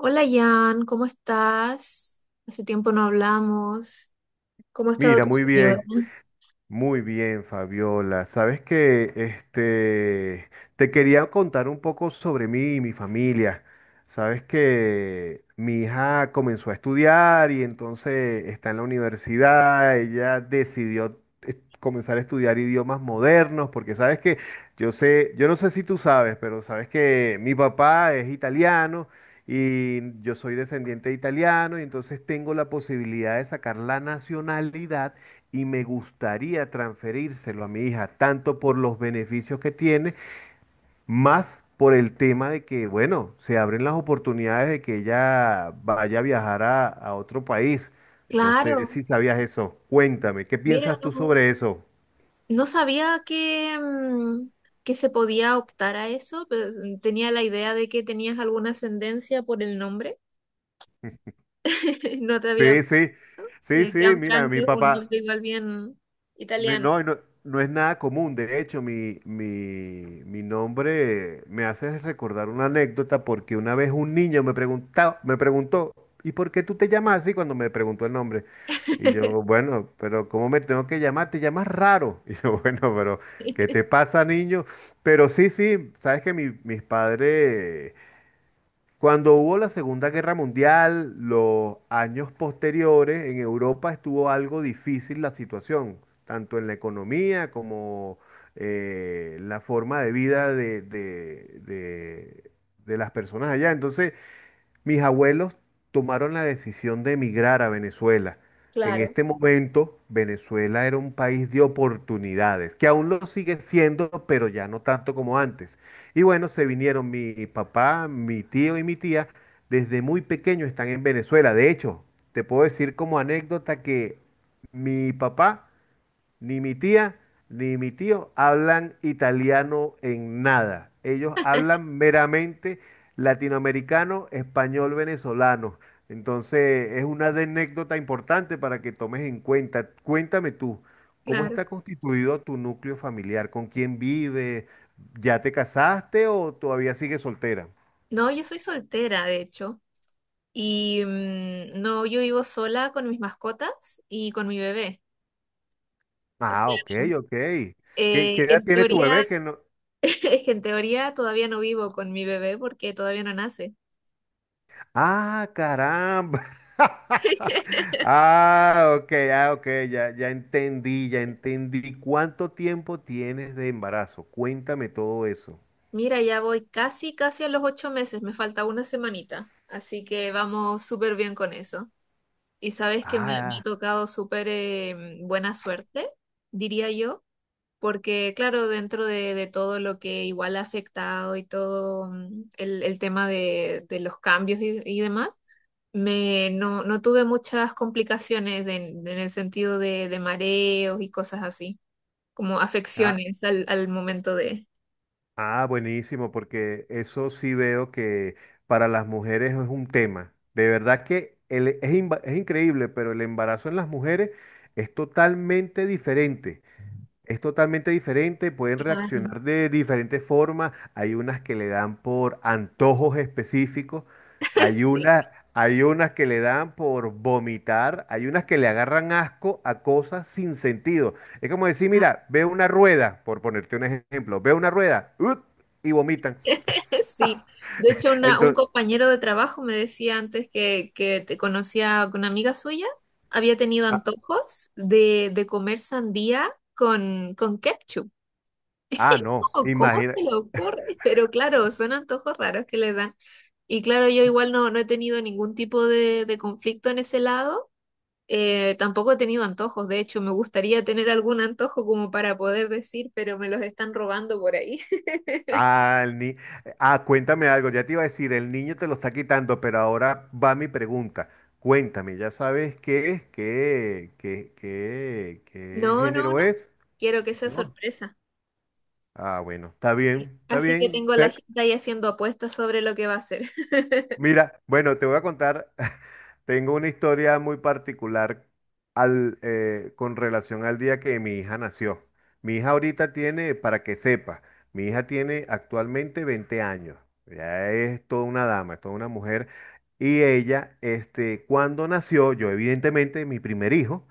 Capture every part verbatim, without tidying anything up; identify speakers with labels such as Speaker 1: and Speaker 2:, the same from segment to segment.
Speaker 1: Hola Jan, ¿cómo estás? Hace tiempo no hablamos. ¿Cómo ha estado
Speaker 2: Mira,
Speaker 1: tu
Speaker 2: muy
Speaker 1: señora?
Speaker 2: bien, muy bien, Fabiola. Sabes que este te quería contar un poco sobre mí y mi familia. Sabes que mi hija comenzó a estudiar y entonces está en la universidad. Ella decidió eh, comenzar a estudiar idiomas modernos, porque sabes que yo sé, yo no sé si tú sabes, pero sabes que mi papá es italiano y yo soy descendiente de italiano y entonces tengo la posibilidad de sacar la nacionalidad y me gustaría transferírselo a mi hija, tanto por los beneficios que tiene, más por el tema de que, bueno, se abren las oportunidades de que ella vaya a viajar a, a otro país. No sé
Speaker 1: Claro,
Speaker 2: si sabías eso. Cuéntame, ¿qué
Speaker 1: mira,
Speaker 2: piensas tú
Speaker 1: no,
Speaker 2: sobre eso?
Speaker 1: no sabía que, mm, que se podía optar a eso, pero tenía la idea de que tenías alguna ascendencia por el nombre. No te había
Speaker 2: Sí, sí,
Speaker 1: visto.
Speaker 2: sí,
Speaker 1: Eh,
Speaker 2: sí, mira,
Speaker 1: Gianfranco
Speaker 2: mi
Speaker 1: es un nombre
Speaker 2: papá.
Speaker 1: igual bien
Speaker 2: Mi-
Speaker 1: italiano.
Speaker 2: No, y no, no es nada común. De hecho, mi, mi, mi nombre me hace recordar una anécdota porque una vez un niño me preguntaba, me preguntó, ¿y por qué tú te llamas así cuando me preguntó el nombre? Y yo, bueno, pero ¿cómo me tengo que llamar? Te llamas raro. Y yo, bueno, pero ¿qué te pasa, niño? Pero sí, sí, sabes que mi- mis padres cuando hubo la Segunda Guerra Mundial, los años posteriores, en Europa estuvo algo difícil la situación, tanto en la economía como eh, la forma de vida de, de- de- de las personas allá. Entonces, mis abuelos tomaron la decisión de emigrar a Venezuela. En
Speaker 1: Claro,
Speaker 2: este momento, Venezuela era un país de oportunidades, que aún lo sigue siendo, pero ya no tanto como antes. Y bueno, se vinieron mi papá, mi tío y mi tía. Desde muy pequeño están en Venezuela. De hecho, te puedo decir como anécdota que mi papá ni mi tía ni mi tío hablan italiano en nada. Ellos hablan meramente latinoamericano, español, venezolano. Entonces, es una anécdota importante para que tomes en cuenta. Cuéntame tú, ¿cómo
Speaker 1: claro.
Speaker 2: está constituido tu núcleo familiar? ¿Con quién vive? ¿Ya te casaste o todavía sigues soltera?
Speaker 1: No, yo soy soltera, de hecho. Y mm, no, yo vivo sola con mis mascotas y con mi bebé. O
Speaker 2: Ah,
Speaker 1: sea,
Speaker 2: ok, ok. ¿Qué, qué
Speaker 1: eh,
Speaker 2: edad
Speaker 1: en
Speaker 2: tiene tu
Speaker 1: teoría,
Speaker 2: bebé? Que no...
Speaker 1: es que en teoría todavía no vivo con mi bebé porque todavía no nace.
Speaker 2: Ah, caramba. Ah, ok, ah, ok, ya, ya entendí, ya entendí. ¿Cuánto tiempo tienes de embarazo? Cuéntame todo eso.
Speaker 1: Mira, ya voy casi, casi a los ocho meses, me falta una semanita, así que vamos súper bien con eso. Y sabes que me, me ha
Speaker 2: Ah,
Speaker 1: tocado súper eh, buena suerte, diría yo. Porque, claro, dentro de, de todo lo que igual ha afectado y todo mm, el, el tema de, de los cambios y, y demás, me, no, no tuve muchas complicaciones de- en el sentido de, de mareos y cosas así, como
Speaker 2: ah,
Speaker 1: afecciones al, al momento de...
Speaker 2: ah, buenísimo, porque eso sí veo que para las mujeres es un tema. De verdad que el- es, imba- es increíble, pero el embarazo en las mujeres es totalmente diferente. Es totalmente diferente, pueden
Speaker 1: Ay.
Speaker 2: reaccionar de diferentes formas. Hay unas que le dan por antojos específicos, hay unas, hay unas que le dan por vomitar, hay unas que le agarran asco a cosas sin sentido. Es como decir, mira, ve una rueda, por ponerte un ejemplo, ve una rueda, ¡ut! Y vomitan.
Speaker 1: Sí, de hecho una- un
Speaker 2: Entonces,
Speaker 1: compañero de trabajo me decía antes que, que te conocía con una amiga suya, había tenido
Speaker 2: ah,
Speaker 1: antojos de, de comer sandía con, con ketchup.
Speaker 2: ah, no,
Speaker 1: Oh, ¿cómo
Speaker 2: imagina.
Speaker 1: se le ocurre? Pero claro, son antojos raros que le dan. Y claro, yo igual no, no he tenido ningún tipo de, de conflicto en ese lado. Eh, tampoco he tenido antojos. De hecho, me gustaría tener algún antojo como para poder decir, pero me los están robando por ahí.
Speaker 2: Ah, el ni- ah, cuéntame algo, ya te iba a decir, el niño te lo está quitando, pero ahora va mi pregunta. Cuéntame, ¿ya sabes qué es? ¿Qué, qué, qué, qué
Speaker 1: No, no,
Speaker 2: género
Speaker 1: no.
Speaker 2: es?
Speaker 1: Quiero que sea
Speaker 2: ¿No?
Speaker 1: sorpresa.
Speaker 2: Ah, bueno, está
Speaker 1: Sí.
Speaker 2: bien, está
Speaker 1: Así que
Speaker 2: bien.
Speaker 1: tengo a la gente ahí haciendo apuestas sobre lo que va a hacer.
Speaker 2: Mira, bueno, te voy a contar, tengo una historia muy particular al, eh, con relación al día que mi hija nació. Mi hija ahorita tiene, para que sepa, mi hija tiene actualmente veinte años. Ya es toda una dama, es toda una mujer. Y ella, este, cuando nació, yo evidentemente, mi primer hijo,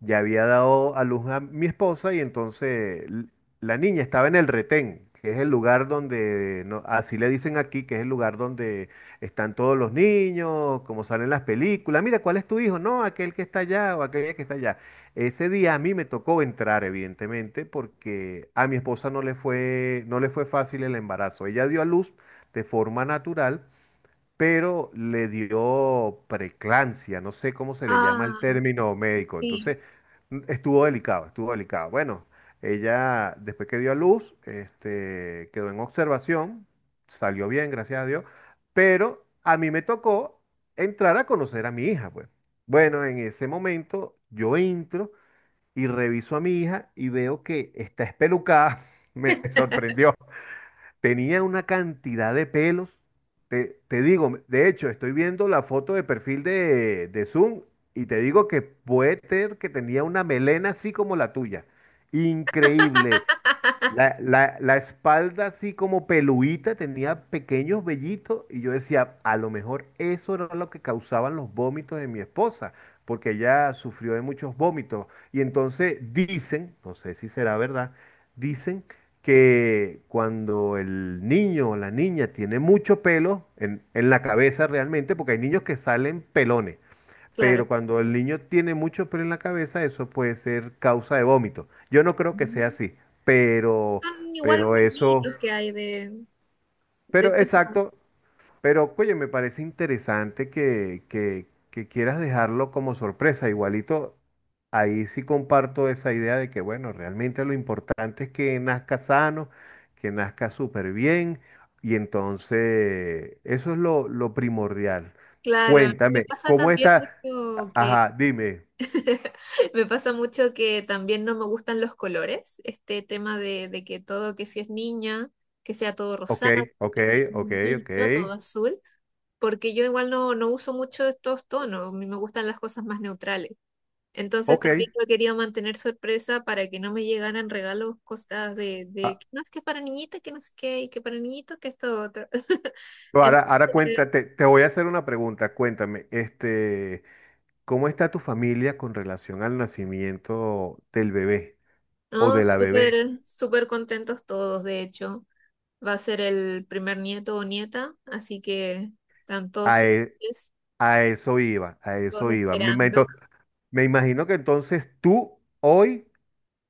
Speaker 2: ya había dado a luz a mi esposa y entonces l- la niña estaba en el retén, que es el lugar donde, no- así le dicen aquí, que es el lugar donde están todos los niños, como salen las películas. Mira, ¿cuál es tu hijo? No, aquel que está allá o aquella que está allá. Ese día a mí me tocó entrar, evidentemente, porque a mi esposa no le fue, no le fue fácil el embarazo. Ella dio a luz de forma natural pero le dio preclancia, no sé cómo se le llama el
Speaker 1: Ah,
Speaker 2: término médico.
Speaker 1: sí,
Speaker 2: Entonces, mm, estuvo delicado, estuvo delicado. Bueno, ella después que dio a luz, este, quedó en observación, salió bien, gracias a Dios, pero a mí me tocó entrar a conocer a mi hija, pues. Bueno, en ese momento yo entro y reviso a mi hija y veo que está espelucada. Me sorprendió. Tenía una cantidad de pelos. Te, te digo, de hecho, estoy viendo la foto de perfil de, de Zoom y te digo que puede ser que tenía una melena así como la tuya. Increíble. La, la- la espalda así como peluita, tenía pequeños vellitos y yo decía, a lo mejor eso era lo que causaban los vómitos de mi esposa, porque ella sufrió de muchos vómitos. Y entonces dicen, no sé si será verdad, dicen que cuando el niño o la niña tiene mucho pelo en, en la cabeza realmente, porque hay niños que salen pelones,
Speaker 1: claro.
Speaker 2: pero cuando el niño tiene mucho pelo en la cabeza, eso puede ser causa de vómito. Yo no creo que sea
Speaker 1: Son
Speaker 2: así, pero,
Speaker 1: igual
Speaker 2: pero
Speaker 1: unos
Speaker 2: eso,
Speaker 1: mitos que hay de, de
Speaker 2: pero
Speaker 1: cosas.
Speaker 2: exacto, pero oye, me parece interesante que, que, que quieras dejarlo como sorpresa. Igualito, ahí sí comparto esa idea de que, bueno, realmente lo importante es que nazca sano, que nazca súper bien, y entonces eso es lo, lo primordial.
Speaker 1: Claro, a mí me
Speaker 2: Cuéntame,
Speaker 1: pasa
Speaker 2: ¿cómo
Speaker 1: también
Speaker 2: está?
Speaker 1: mucho que
Speaker 2: Ajá, dime.
Speaker 1: me pasa mucho que también no me gustan los colores, este tema de, de que todo, que si es niña, que sea todo
Speaker 2: Ok,
Speaker 1: rosado,
Speaker 2: ok,
Speaker 1: que si es
Speaker 2: ok, ok,
Speaker 1: niñito, todo azul, porque yo igual no, no uso mucho estos tonos, a mí me gustan las cosas más neutrales. Entonces también
Speaker 2: ok.
Speaker 1: yo quería mantener sorpresa para que no me llegaran regalos, cosas de, de
Speaker 2: Ah,
Speaker 1: que no es que es para niñita, que no sé qué, y que para niñito, que esto otro.
Speaker 2: pero ahora, ahora
Speaker 1: Entonces,
Speaker 2: cuéntate, te voy a hacer una pregunta. Cuéntame, este, ¿cómo está tu familia con relación al nacimiento del bebé o
Speaker 1: no,
Speaker 2: de la bebé?
Speaker 1: súper, súper contentos todos, de hecho. Va a ser el primer nieto o nieta, así que están todos
Speaker 2: A, e-
Speaker 1: felices,
Speaker 2: a eso iba, a
Speaker 1: todos
Speaker 2: eso iba. Me, ima-
Speaker 1: esperando.
Speaker 2: ento- me imagino que entonces tú hoy,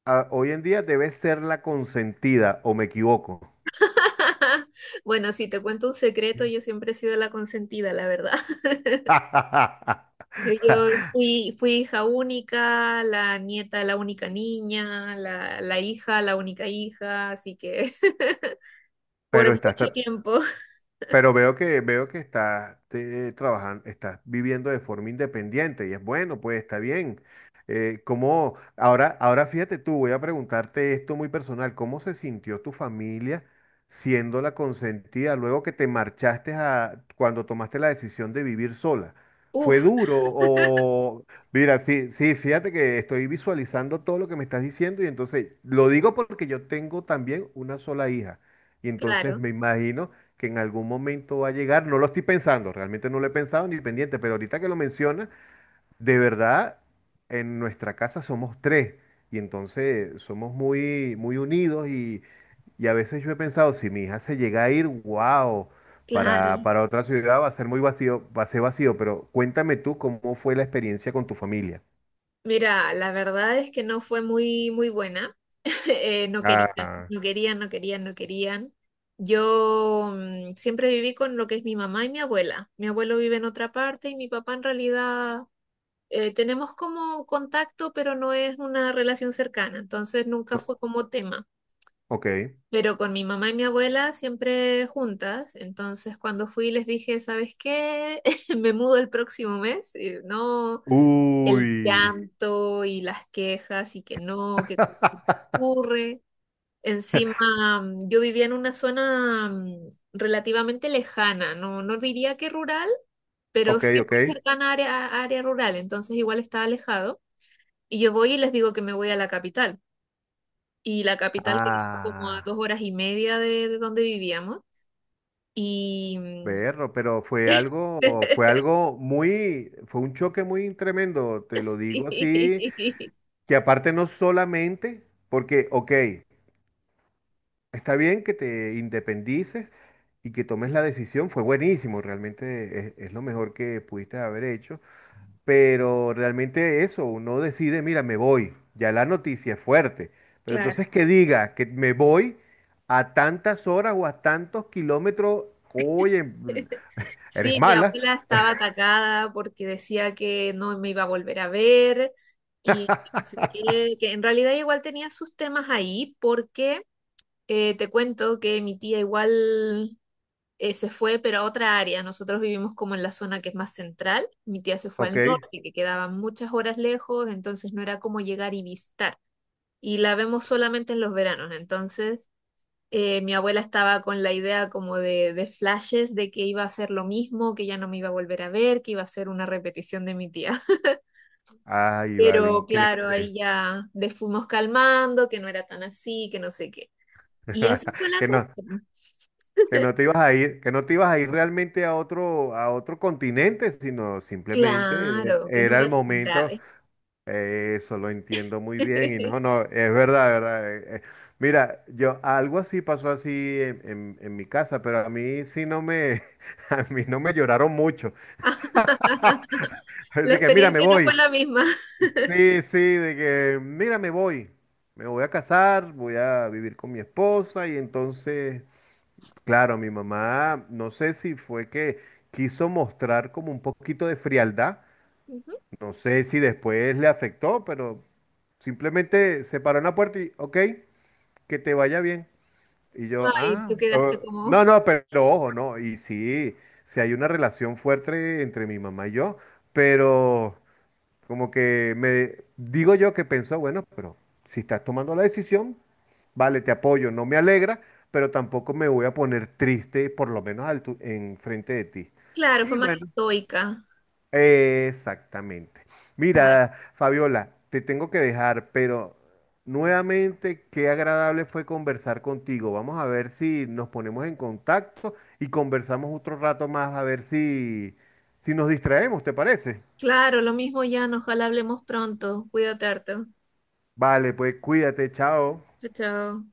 Speaker 2: ah, hoy en día debes ser la consentida, ¿o me equivoco?
Speaker 1: Bueno, si te cuento un secreto, yo siempre he sido la consentida, la verdad. Yo, yo fui, fui hija única, la nieta, la única niña, la, la hija, la única hija, así que por
Speaker 2: Pero estás,
Speaker 1: mucho tiempo.
Speaker 2: pero veo que veo que estás eh, trabajando, estás viviendo de forma independiente y es bueno, pues está bien. Eh, ¿cómo- ahora, ahora fíjate tú, voy a preguntarte esto muy personal, ¿cómo se sintió tu familia siendo la consentida luego que te marchaste a cuando tomaste la decisión de vivir sola? ¿Fue
Speaker 1: Uf,
Speaker 2: duro o mira, sí, sí, fíjate que estoy visualizando todo lo que me estás diciendo y entonces lo digo porque yo tengo también una sola hija y entonces
Speaker 1: claro,
Speaker 2: me imagino que en algún momento va a llegar. No lo estoy pensando, realmente no lo he pensado ni pendiente, pero ahorita que lo mencionas de verdad, en nuestra casa somos tres y entonces somos muy, muy unidos y, y a veces yo he pensado, si mi hija se llega a ir, wow,
Speaker 1: claro.
Speaker 2: para, para otra ciudad va a ser muy vacío, va a ser vacío, pero cuéntame tú cómo fue la experiencia con tu familia.
Speaker 1: Mira, la verdad es que no fue muy, muy buena. Eh, no querían,
Speaker 2: Ah,
Speaker 1: no querían, no querían, no querían. Yo mm, siempre viví con lo que es mi mamá y mi abuela. Mi abuelo vive en otra parte y mi papá en realidad eh, tenemos como contacto, pero no es una relación cercana. Entonces nunca
Speaker 2: no,
Speaker 1: fue como tema.
Speaker 2: ok.
Speaker 1: Pero con mi mamá y mi abuela siempre juntas. Entonces cuando fui les dije, ¿sabes qué? Me mudo el próximo mes. Y no, el
Speaker 2: Uy.
Speaker 1: llanto y las quejas y que no, que ocurre. Encima, mm, yo vivía en una zona mm, relativamente lejana, no, no diría que rural, pero
Speaker 2: Ok,
Speaker 1: sí
Speaker 2: ok.
Speaker 1: muy cercana a área, a área rural, entonces igual estaba alejado. Y yo voy y les digo que me voy a la capital. Y la capital quedaba como a dos
Speaker 2: Ah.
Speaker 1: horas y media de, de donde vivíamos. Y mm,
Speaker 2: Berro, pero fue algo, fue algo muy, fue un choque muy tremendo, te lo digo así,
Speaker 1: sí,
Speaker 2: que aparte no solamente, porque, ok, está bien que te independices y que tomes la decisión, fue buenísimo, realmente es, es lo mejor que pudiste haber hecho, pero realmente eso, uno decide, mira, me voy, ya la noticia es fuerte, pero
Speaker 1: claro.
Speaker 2: entonces que diga que me voy a tantas horas o a tantos kilómetros, oye, eres
Speaker 1: Sí, mi
Speaker 2: mala,
Speaker 1: abuela estaba atacada porque decía que no me iba a volver a ver y no sé qué, que en realidad igual tenía sus temas ahí porque eh, te cuento que mi tía igual eh, se fue pero a otra área. Nosotros vivimos como en la zona que es más central. Mi tía se fue al
Speaker 2: ok.
Speaker 1: norte, que quedaban muchas horas lejos, entonces no era como llegar y visitar. Y la vemos solamente en los veranos, entonces eh, mi abuela estaba con la idea como de, de flashes de que iba a ser lo mismo, que ya no me iba a volver a ver, que iba a ser una repetición de mi tía.
Speaker 2: Ay, vale,
Speaker 1: Pero claro, ahí
Speaker 2: increíble.
Speaker 1: ya le fuimos calmando, que no era tan así, que no sé qué. Y así fue la
Speaker 2: Que
Speaker 1: cosa.
Speaker 2: no, que no te ibas a ir, que no te ibas a ir realmente a otro, a otro continente, sino simplemente eh,
Speaker 1: Claro, que no
Speaker 2: era
Speaker 1: era
Speaker 2: el
Speaker 1: tan
Speaker 2: momento.
Speaker 1: grave.
Speaker 2: Eh, Eso lo entiendo muy bien. Y no, no, es verdad, verdad. Eh, eh. Mira, yo algo así pasó así en, en- en mi casa, pero a mí sí no me, a mí no me lloraron mucho.
Speaker 1: La
Speaker 2: Así que, mira, me
Speaker 1: experiencia no fue
Speaker 2: voy.
Speaker 1: la misma.
Speaker 2: Sí, sí, de que, mira, me voy. Me voy a casar, voy a vivir con mi esposa y entonces. Claro, mi mamá, no sé si fue que quiso mostrar como un poquito de frialdad,
Speaker 1: Ujú.
Speaker 2: no sé si después le afectó, pero simplemente se paró en la puerta y, ok, que te vaya bien. Y yo,
Speaker 1: Ay,
Speaker 2: ah,
Speaker 1: tú
Speaker 2: eh,
Speaker 1: quedaste como...
Speaker 2: no, no, pero ojo, no, y sí, sí hay una relación fuerte entre mi mamá y yo, pero... Como que me digo yo que pensó, bueno, pero si estás tomando la decisión, vale, te apoyo, no me alegra, pero tampoco me voy a poner triste, por lo menos al tu- en frente de ti.
Speaker 1: Claro, fue
Speaker 2: Y
Speaker 1: más
Speaker 2: bueno,
Speaker 1: estoica.
Speaker 2: exactamente.
Speaker 1: Claro,
Speaker 2: Mira, Fabiola, te tengo que dejar, pero nuevamente qué agradable fue conversar contigo. Vamos a ver si nos ponemos en contacto y conversamos otro rato más a ver si si nos distraemos, ¿te parece?
Speaker 1: claro, lo mismo, Jan. Ojalá hablemos pronto. Cuídate harto.
Speaker 2: Vale, pues cuídate, chao.
Speaker 1: Chao, chao.